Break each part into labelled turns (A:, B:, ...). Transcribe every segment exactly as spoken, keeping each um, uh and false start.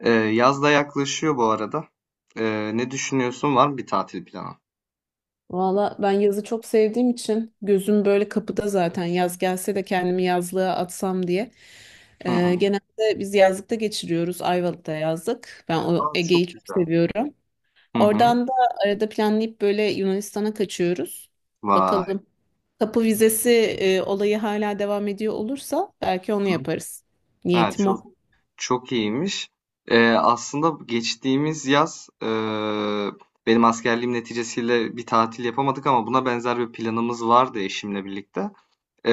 A: Ee, yaz da yaklaşıyor bu arada. Ee, ne düşünüyorsun? Var mı bir tatil planı?
B: Valla ben yazı çok sevdiğim için gözüm böyle kapıda zaten yaz gelse de kendimi yazlığa atsam diye.
A: Hı
B: Ee,
A: hı.
B: genelde biz yazlıkta geçiriyoruz. Ayvalık'ta yazlık. Ben o
A: Aa,
B: Ege'yi
A: çok
B: çok
A: güzel.
B: seviyorum.
A: Hı hı.
B: Oradan da arada planlayıp böyle Yunanistan'a kaçıyoruz.
A: Vay.
B: Bakalım. Kapı vizesi e, olayı hala devam ediyor olursa belki onu
A: Hı.
B: yaparız.
A: Ha,
B: Niyetim
A: çok
B: o.
A: çok iyiymiş. Ee, aslında geçtiğimiz yaz e, benim askerliğim neticesiyle bir tatil yapamadık ama buna benzer bir planımız vardı eşimle birlikte.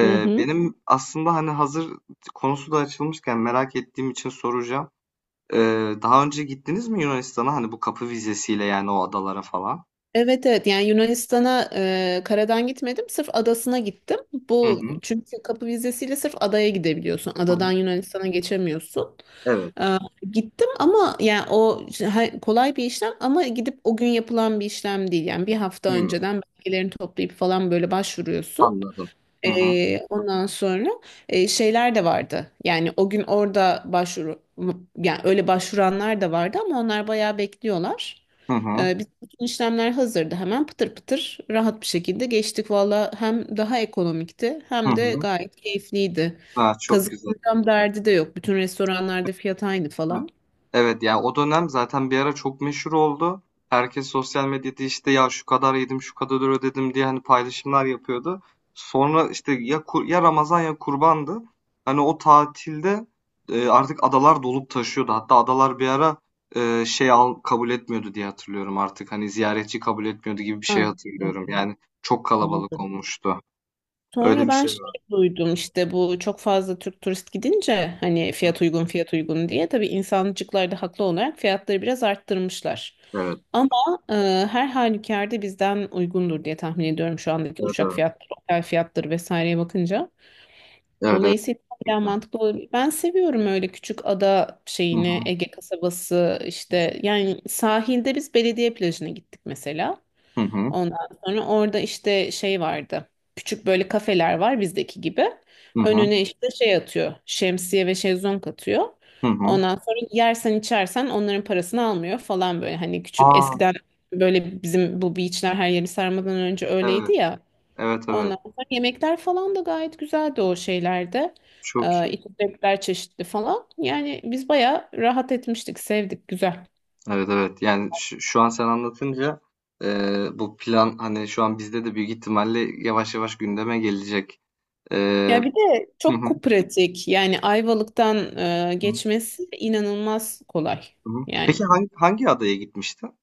B: Hı hı.
A: Benim aslında hani hazır konusu da açılmışken merak ettiğim için soracağım. Ee, daha önce gittiniz mi Yunanistan'a? Hani bu kapı vizesiyle yani o adalara falan.
B: Evet, evet, yani Yunanistan'a e, karadan gitmedim, sırf adasına gittim.
A: Hı
B: Bu
A: hı.
B: çünkü kapı vizesiyle sırf adaya gidebiliyorsun. Adadan Yunanistan'a geçemiyorsun.
A: Evet.
B: E, Gittim ama yani o işte, ha- kolay bir işlem ama gidip o gün yapılan bir işlem değil. Yani bir hafta
A: Hımm.
B: önceden belgelerini toplayıp falan böyle başvuruyorsun.
A: Anladım. Hı hı.
B: Ee, ondan sonra e, şeyler de vardı. Yani o gün orada başvuru, yani öyle başvuranlar da vardı ama onlar bayağı bekliyorlar.
A: Hı hı.
B: Ee, biz bütün işlemler hazırdı. Hemen pıtır pıtır rahat bir şekilde geçtik. Valla hem daha ekonomikti
A: Hı
B: hem de
A: hı.
B: gayet keyifliydi.
A: A, çok güzel.
B: Kazıklayacağım derdi de yok. Bütün restoranlarda fiyat aynı
A: Evet.
B: falan.
A: Evet, ya, o dönem zaten bir ara çok meşhur oldu. Herkes sosyal medyada, işte, "Ya, şu kadar yedim, şu kadar ödedim." diye, hani, paylaşımlar yapıyordu. Sonra, işte, ya kur ya Ramazan ya Kurban'dı. Hani, o tatilde, eee, artık adalar dolup taşıyordu. Hatta adalar bir ara, eee, şey al kabul etmiyordu diye hatırlıyorum artık. Hani, ziyaretçi kabul etmiyordu gibi bir şey
B: Ha,
A: hatırlıyorum.
B: yani
A: Yani çok kalabalık
B: olabilir.
A: olmuştu. Öyle
B: Sonra
A: bir
B: ben
A: şey
B: şey
A: var.
B: duydum, işte bu çok fazla Türk turist gidince hani fiyat uygun fiyat uygun diye, tabii insancıklar da haklı olarak fiyatları biraz arttırmışlar.
A: Evet.
B: Ama e, her halükarda bizden uygundur diye tahmin ediyorum, şu andaki
A: Evet,
B: uçak
A: evet.
B: fiyatları, otel fiyatları vesaireye bakınca.
A: Evet, evet,
B: Dolayısıyla hala
A: kesinlikle.
B: mantıklı olabilir. Ben seviyorum öyle küçük ada
A: Hı
B: şeyini,
A: hı.
B: Ege kasabası işte, yani sahilde biz belediye plajına gittik mesela.
A: Hı hı.
B: Ondan sonra orada işte şey vardı. Küçük böyle kafeler var bizdeki gibi.
A: Hı hı.
B: Önüne işte şey atıyor. Şemsiye ve şezlong atıyor.
A: Hı hı.
B: Ondan sonra yersen içersen onların parasını almıyor falan böyle. Hani küçük
A: A!
B: eskiden böyle bizim bu beachler her yeri sarmadan önce öyleydi
A: Evet.
B: ya.
A: Evet, evet.
B: Ondan sonra yemekler falan da gayet güzeldi o şeylerde.
A: Çok
B: Ee,
A: iyi.
B: içecekler çeşitli falan. Yani biz bayağı rahat etmiştik, sevdik, güzel.
A: Evet, evet. Yani şu şu an sen anlatınca, eee, bu plan, hani, şu an bizde de büyük ihtimalle yavaş yavaş gündeme gelecek.
B: Ya
A: Eee
B: bir de
A: Hı hı.
B: çok pratik. Yani Ayvalık'tan e,
A: Hı hı.
B: geçmesi inanılmaz kolay.
A: Hı hı.
B: Yani
A: Peki hangi hangi adaya gitmiştin?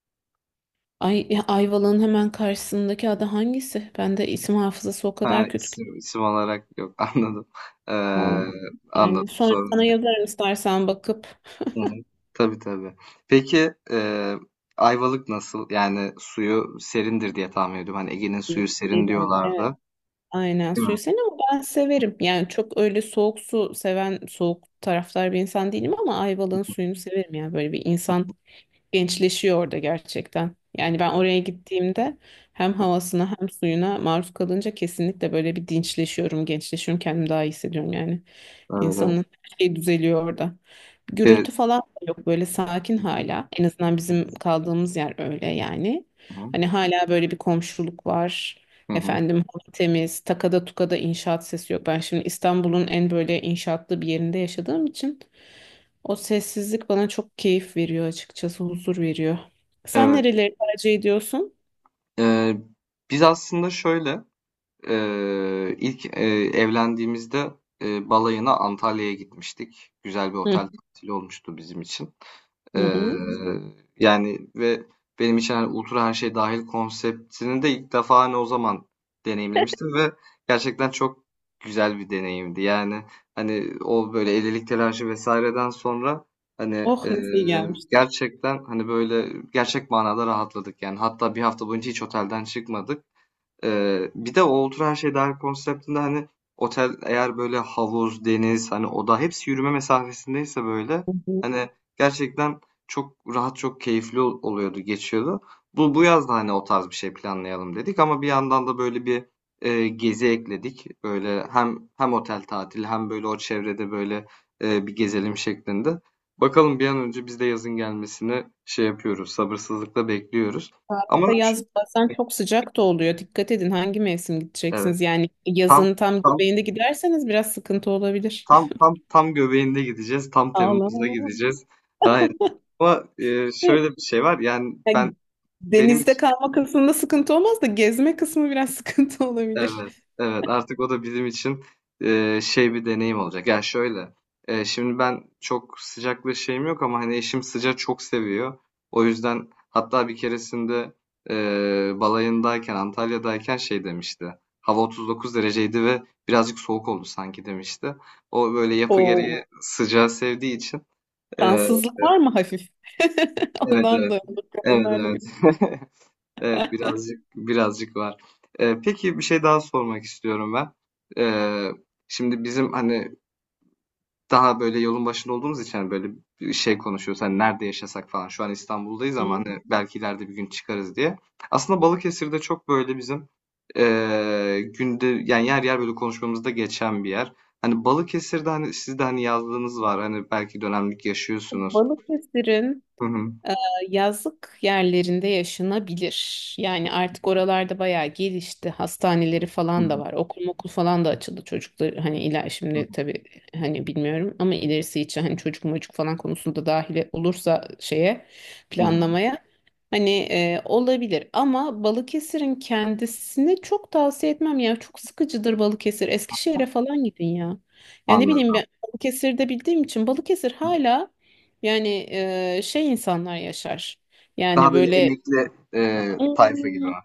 B: Ay, ya Ayvalık'ın hemen karşısındaki ada hangisi? Ben de isim hafızası o
A: Ha,
B: kadar kötü ki.
A: isim isim olarak yok. Anladım. Eee,
B: Vallahi. Yani
A: Anladım.
B: sonra sana
A: Sorun.
B: yazarım istersen bakıp.
A: Hı hı. Tabii tabii. Peki eee, Ayvalık nasıl? Yani suyu serindir diye tahmin ediyorum. Hani Ege'nin suyu serin
B: Evet.
A: diyorlardı.
B: Aynen,
A: Değil mi?
B: suyu sen ama ben severim. Yani çok öyle soğuk su seven, soğuk taraftar bir insan değilim ama Ayvalık'ın suyunu severim. Yani böyle bir insan gençleşiyor orada gerçekten. Yani ben oraya gittiğimde hem havasına hem suyuna maruz kalınca kesinlikle böyle bir dinçleşiyorum, gençleşiyorum, kendimi daha iyi hissediyorum yani.
A: Evet evet.
B: İnsanın her şeyi düzeliyor orada.
A: Evet.
B: Gürültü falan da yok, böyle sakin
A: Hı hı.
B: hala. En azından bizim kaldığımız yer öyle yani.
A: Hı hı.
B: Hani hala böyle bir komşuluk var.
A: Hı hı.
B: Efendim hava temiz, takada tukada inşaat sesi yok. Ben şimdi İstanbul'un en böyle inşaatlı bir yerinde yaşadığım için o sessizlik bana çok keyif veriyor açıkçası, huzur veriyor. Sen
A: Evet.
B: nereleri tercih ediyorsun?
A: Eee, Biz aslında şöyle eee, ilk eee, evlendiğimizde eee, balayına Antalya'ya gitmiştik. Güzel bir
B: Hı
A: otel tatili olmuştu bizim için.
B: hı.
A: Ee,
B: hı.
A: Yani ve benim için hani ultra her şey dahil konseptini de ilk defa hani o zaman deneyimlemiştim ve gerçekten çok güzel bir deneyimdi. Yani hani o böyle elilik telaşı vesaireden sonra hani
B: Oh,
A: e,
B: nasıl iyi gelmiş.
A: gerçekten hani böyle gerçek manada rahatladık yani. Hatta bir hafta boyunca hiç otelden çıkmadık. Eee, bir de o Otur Her Şey Dahil konseptinde, hani, otel eğer böyle havuz, deniz, hani, oda hepsi yürüme mesafesindeyse böyle,
B: Hı hı.
A: hani, gerçekten çok rahat, çok keyifli ol oluyordu, geçiyordu. Bu bu yaz da, hani, o tarz bir şey planlayalım dedik ama bir yandan da böyle bir, eee, gezi ekledik. Böyle hem hem otel tatili hem böyle o çevrede böyle, eee, bir gezelim şeklinde. Bakalım bir an önce biz de yazın gelmesini şey yapıyoruz, sabırsızlıkla bekliyoruz. Ama
B: Arkada
A: şu
B: yaz bazen çok sıcak da oluyor. Dikkat edin hangi mevsim
A: Evet,
B: gideceksiniz. Yani
A: tam
B: yazın tam
A: tam
B: göbeğinde giderseniz biraz sıkıntı olabilir.
A: Tam tam tam göbeğinde gideceğiz. Tam Temmuz'da
B: Allah.
A: gideceğiz. Aynen. Ama, eee, şöyle bir şey var. Yani ben
B: Yani
A: benim
B: denizde
A: için
B: kalma kısmında sıkıntı olmaz da gezme kısmı biraz sıkıntı olabilir.
A: evet evet artık o da bizim için eee, şey bir deneyim olacak. Ya şöyle eee, şimdi ben çok sıcakla şeyim yok ama hani eşim sıcağı çok seviyor. O yüzden hatta bir keresinde eee, balayındayken Antalya'dayken şey demişti. Hava otuz dokuz dereceydi ve birazcık soğuk oldu sanki demişti. O böyle yapı gereği
B: O,
A: sıcağı sevdiği için. e,
B: kansızlık var mı hafif?
A: Evet,
B: Ondan da
A: evet.
B: olur
A: Evet,
B: kadınlarda bir.
A: evet. Evet, birazcık birazcık var. Ee, peki bir şey daha sormak istiyorum ben. Ee, Şimdi bizim hani daha böyle yolun başında olduğumuz için hani böyle bir şey konuşuyoruz. Hani nerede yaşasak falan. Şu an İstanbul'dayız
B: Hı.
A: ama hani belki ileride bir gün çıkarız diye. Aslında Balıkesir'de çok böyle bizim ee, günde yani yer yer böyle konuşmamızda geçen bir yer. Hani Balıkesir'de hani siz de hani yazlığınız var. Hani belki dönemlik yaşıyorsunuz.
B: Balıkesir'in
A: Hı hı.
B: Ee, yazlık yerlerinde yaşanabilir. Yani artık oralarda bayağı gelişti. Hastaneleri
A: Hı hı.
B: falan da var. Okul okul falan da açıldı çocuklar. Hani ila şimdi tabii, hani bilmiyorum ama ilerisi için hani çocuk mocuk falan konusunda dahil olursa şeye,
A: Hı hı.
B: planlamaya hani e, olabilir. Ama Balıkesir'in kendisini çok tavsiye etmem ya. Çok sıkıcıdır Balıkesir. Eskişehir'e falan gidin ya. Yani ne bileyim,
A: Anladım.
B: ben Balıkesir'de bildiğim için Balıkesir hala yani eee, şey, insanlar yaşar.
A: Daha
B: Yani
A: böyle
B: böyle
A: emekli eee, tayfa gibi
B: "Hmm,
A: mi?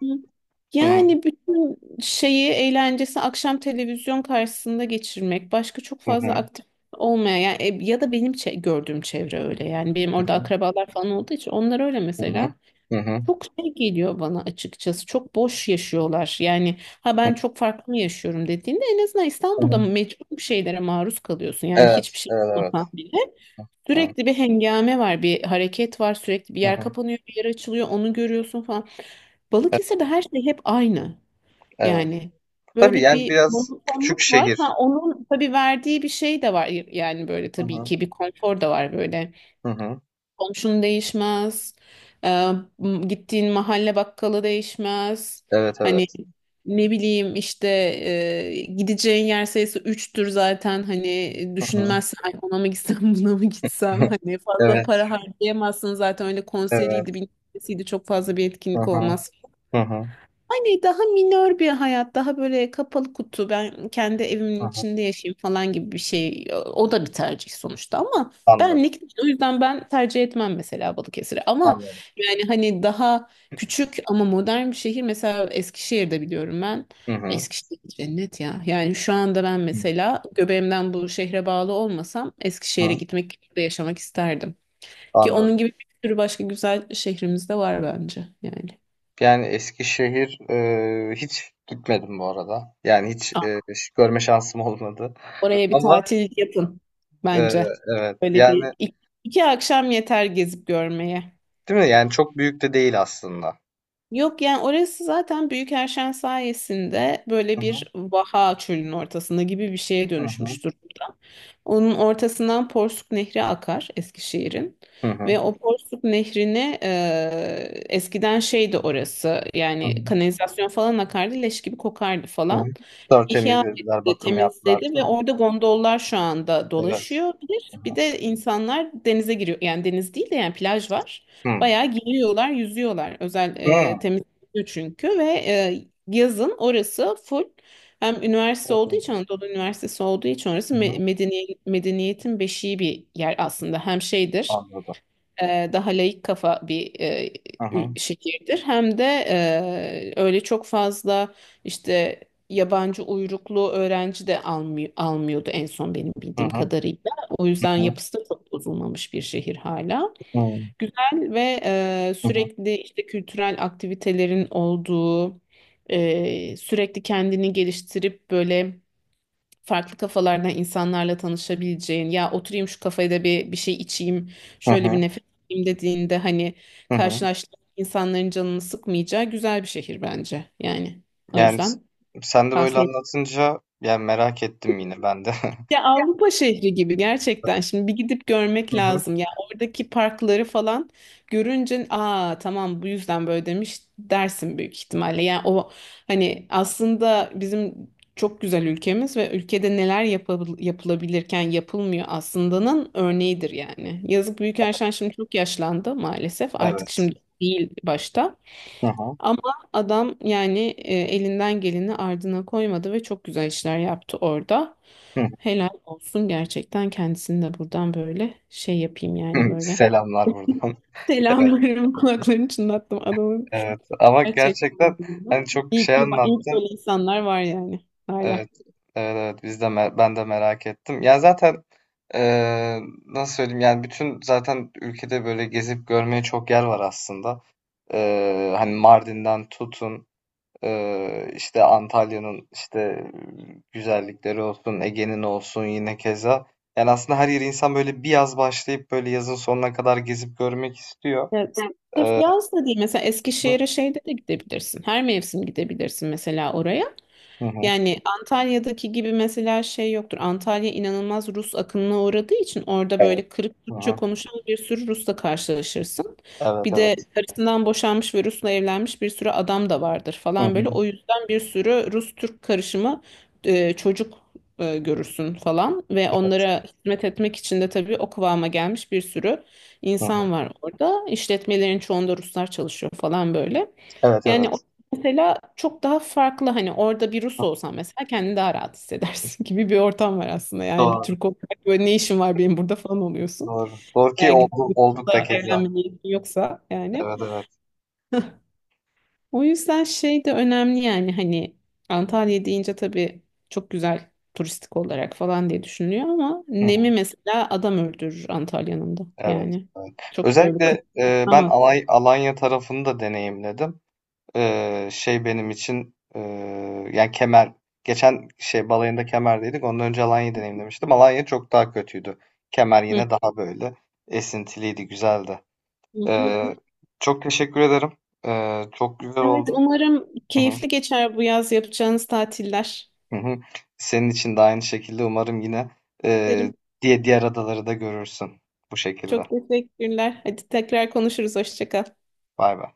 A: Hı hı,
B: yani bütün şeyi, eğlencesi akşam televizyon karşısında geçirmek. Başka çok
A: hı
B: fazla
A: hı,
B: aktif olmayan yani, e, ya da benim çe- gördüğüm çevre öyle. Yani benim orada
A: hı
B: akrabalar falan olduğu için onlar öyle
A: hı,
B: mesela.
A: hı hı,
B: Çok şey geliyor bana açıkçası. Çok boş yaşıyorlar. Yani ha,
A: hı hı.
B: ben çok farklı mı yaşıyorum dediğinde en azından İstanbul'da
A: Hı.
B: mecbur bir şeylere maruz kalıyorsun. Yani
A: Evet,
B: hiçbir şey
A: evet,
B: yapmasan bile.
A: evet.
B: Sürekli bir hengame var, bir hareket var, sürekli bir
A: Hı hı,
B: yer
A: hı.
B: kapanıyor, bir yer açılıyor, onu görüyorsun falan.
A: E-
B: Balıkesir'de her şey hep aynı.
A: Evet.
B: Yani
A: Tabii
B: böyle
A: yani
B: bir
A: biraz küçük
B: monotonluk var. Ha,
A: şehir.
B: onun tabii verdiği bir şey de var. Yani böyle
A: Hı
B: tabii
A: hı,
B: ki bir konfor da var böyle.
A: hı hı.
B: Komşun değişmez. Ee, m- Gittiğin mahalle bakkalı değişmez.
A: Evet,
B: Hani
A: evet.
B: ne bileyim işte, e, gideceğin yer sayısı üçtür zaten. Hani
A: Hı hı.
B: düşünmezsen "Ay, ona mı gitsem buna mı gitsem". Hani fazla
A: Evet,
B: para harcayamazsın zaten, öyle konseriydi
A: evet.
B: bilmem nesiydi, çok fazla bir
A: Hı
B: etkinlik
A: hı,
B: olmaz
A: hı hı,
B: yani. Daha minör bir hayat, daha böyle kapalı kutu, ben kendi
A: hı
B: evimin
A: hı.
B: içinde yaşayayım falan gibi bir şey. O da bir tercih sonuçta ama
A: Anladım,
B: benlik. değil. O yüzden ben tercih etmem mesela Balıkesir'i. Ama
A: anladım.
B: yani hani daha küçük ama modern bir şehir. Mesela Eskişehir'de biliyorum ben.
A: Hı hı,
B: Eskişehir cennet ya. Yani şu anda ben
A: hı
B: mesela göbeğimden bu şehre bağlı olmasam Eskişehir'e
A: hı.
B: gitmek, burada yaşamak isterdim. Ki onun
A: Anladım.
B: gibi bir sürü başka güzel şehrimiz de var bence yani.
A: Yani Eskişehir eee hiç gitmedim bu arada. Yani hiç eee, hiç görme şansım olmadı.
B: Oraya bir
A: Ama
B: tatil yapın
A: eee,
B: bence.
A: evet
B: Böyle bir
A: yani.
B: iki, iki akşam yeter gezip görmeye.
A: Değil mi? Yani çok büyük de değil aslında.
B: Yok yani, orası zaten Büyükerşen sayesinde böyle
A: Hı
B: bir
A: hı.
B: vaha, çölün ortasında gibi bir şeye
A: Hı hı.
B: dönüşmüş durumda. Onun ortasından Porsuk Nehri akar Eskişehir'in,
A: Hı hı.
B: ve o Porsuk Nehri'ni e, eskiden şeydi orası,
A: Hı
B: yani
A: hı.
B: kanalizasyon falan akardı, leş gibi kokardı
A: Hı hı.
B: falan. İhya
A: Tertemizlediler,
B: etti,
A: bakım yaptılar,
B: temizledi ve
A: değil mi?
B: orada gondollar şu anda
A: Evet.
B: dolaşıyor.
A: Hı
B: Bir,
A: hı.
B: bir de insanlar denize giriyor. Yani deniz değil de yani plaj var.
A: Hı.
B: Bayağı giriyorlar, yüzüyorlar. Özel
A: Hı.
B: e, temizliyor çünkü, ve e, yazın orası full, hem
A: Hı
B: üniversite olduğu
A: hı.
B: için, Anadolu Üniversitesi olduğu için orası
A: Hı hı.
B: me- medeni, medeniyetin beşiği bir yer aslında. Hem şeydir,
A: Anladım.
B: e, daha laik kafa bir e,
A: Hı hı.
B: ül- şehirdir. Hem de e, öyle çok fazla işte yabancı uyruklu öğrenci de almıyor, almıyordu en son benim
A: Hı
B: bildiğim
A: hı.
B: kadarıyla. O yüzden
A: Hı
B: yapısı da çok bozulmamış bir şehir hala.
A: hı.
B: Güzel ve e,
A: Hı hı.
B: sürekli işte kültürel aktivitelerin olduğu, e, sürekli kendini geliştirip böyle farklı kafalardan insanlarla tanışabileceğin. Ya, oturayım şu kafede bir bir şey içeyim,
A: Hı
B: şöyle bir
A: hı.
B: nefes alayım dediğinde hani
A: Hı hı.
B: karşılaştığın insanların canını sıkmayacağı güzel bir şehir bence yani, o
A: Yani s-
B: yüzden
A: sen de böyle
B: tavsiye...
A: anlatınca yani merak ettim yine ben de.
B: Ya Avrupa şehri gibi gerçekten. Şimdi bir gidip görmek
A: Hı hı.
B: lazım. Ya oradaki parkları falan görünce, aa tamam, bu yüzden böyle demiş dersin büyük ihtimalle. Yani o hani aslında bizim çok güzel ülkemiz ve ülkede neler yapabil- yapılabilirken yapılmıyor aslında'nın örneğidir yani. Yazık, Büyükelçen şimdi çok yaşlandı maalesef. Artık
A: Evet.
B: şimdi değil başta.
A: Hı hı.
B: Ama adam yani, e, elinden geleni ardına koymadı ve çok güzel işler yaptı orada.
A: Hı
B: Helal olsun gerçekten, kendisini de buradan böyle şey yapayım yani
A: hı.
B: böyle.
A: Selamlar buradan. Evet.
B: Selamlarım, kulaklarını çınlattım adamın
A: Evet. Ama
B: gerçekten.
A: gerçekten hani çok
B: İyi
A: şey
B: ki, iyi ki böyle
A: anlattın.
B: insanlar var yani
A: Evet,
B: hala.
A: evet, evet. Biz de me- ben de merak ettim. Ya zaten eee, nasıl söyleyeyim? Yani bütün zaten ülkede böyle gezip görmeye çok yer var aslında. Eee, hani Mardin'den tutun, eee, işte Antalya'nın işte güzellikleri olsun, Ege'nin olsun yine keza. Yani aslında her yeri insan böyle bir yaz başlayıp böyle yazın sonuna kadar gezip görmek istiyor.
B: Evet. Sırf
A: Eee,
B: yaz da değil. Mesela Eskişehir'e şeyde de gidebilirsin. Her mevsim gidebilirsin mesela oraya.
A: hı hı.
B: Yani Antalya'daki gibi mesela şey yoktur. Antalya inanılmaz Rus akınına uğradığı için orada
A: Evet.
B: böyle kırık
A: Hı
B: Türkçe
A: hı.
B: konuşan bir sürü Rus'la karşılaşırsın.
A: Evet,
B: Bir de
A: evet.
B: karısından boşanmış ve Rus'la evlenmiş bir sürü adam da vardır
A: Hı
B: falan
A: hı.
B: böyle. O yüzden bir sürü Rus-Türk karışımı e, çocuk e, görürsün falan, ve
A: Evet.
B: onlara hizmet etmek için de tabii o kıvama gelmiş bir sürü
A: Hı hı.
B: insan var orada. İşletmelerin çoğunda Ruslar çalışıyor falan böyle.
A: Evet,
B: Yani,
A: evet.
B: Mesela çok daha farklı, hani orada bir Rus olsan mesela kendini daha rahat hissedersin gibi bir ortam var aslında. Yani bir
A: Doğru.
B: Türk olarak böyle, ne işin var benim burada falan oluyorsun.
A: Doğru. Doğru ki
B: Eğer gidip
A: oldu, olduk da
B: Rus'la
A: keza.
B: evlenme niyetin yoksa yani.
A: Evet evet.
B: O yüzden şey de önemli yani, hani Antalya deyince tabii çok güzel, turistik olarak falan diye düşünülüyor ama
A: Hı
B: Nemi
A: hı.
B: mesela adam öldürür Antalya'nın da
A: Evet.
B: yani.
A: Evet.
B: Çok böyle kıt
A: Özellikle e, ben
B: ama.
A: Alay, Alanya tarafını da deneyimledim. E, şey benim için e, yani Kemer geçen şey balayında Kemer'deydik. Ondan önce Alanya'yı deneyimlemiştim. Alanya çok daha kötüydü. Kemer
B: Hı,
A: yine daha böyle esintiliydi, güzeldi.
B: hı, hı.
A: E, Çok teşekkür ederim. E, çok güzel
B: Evet,
A: oldu.
B: umarım
A: Hı hı.
B: keyifli geçer bu yaz yapacağınız tatiller.
A: Hı hı. Senin için de aynı şekilde umarım yine eee,
B: Derim.
A: diye diğer adaları da görürsün bu
B: Çok
A: şekilde.
B: teşekkürler. Hadi tekrar konuşuruz. Hoşça kal.
A: Bay bay.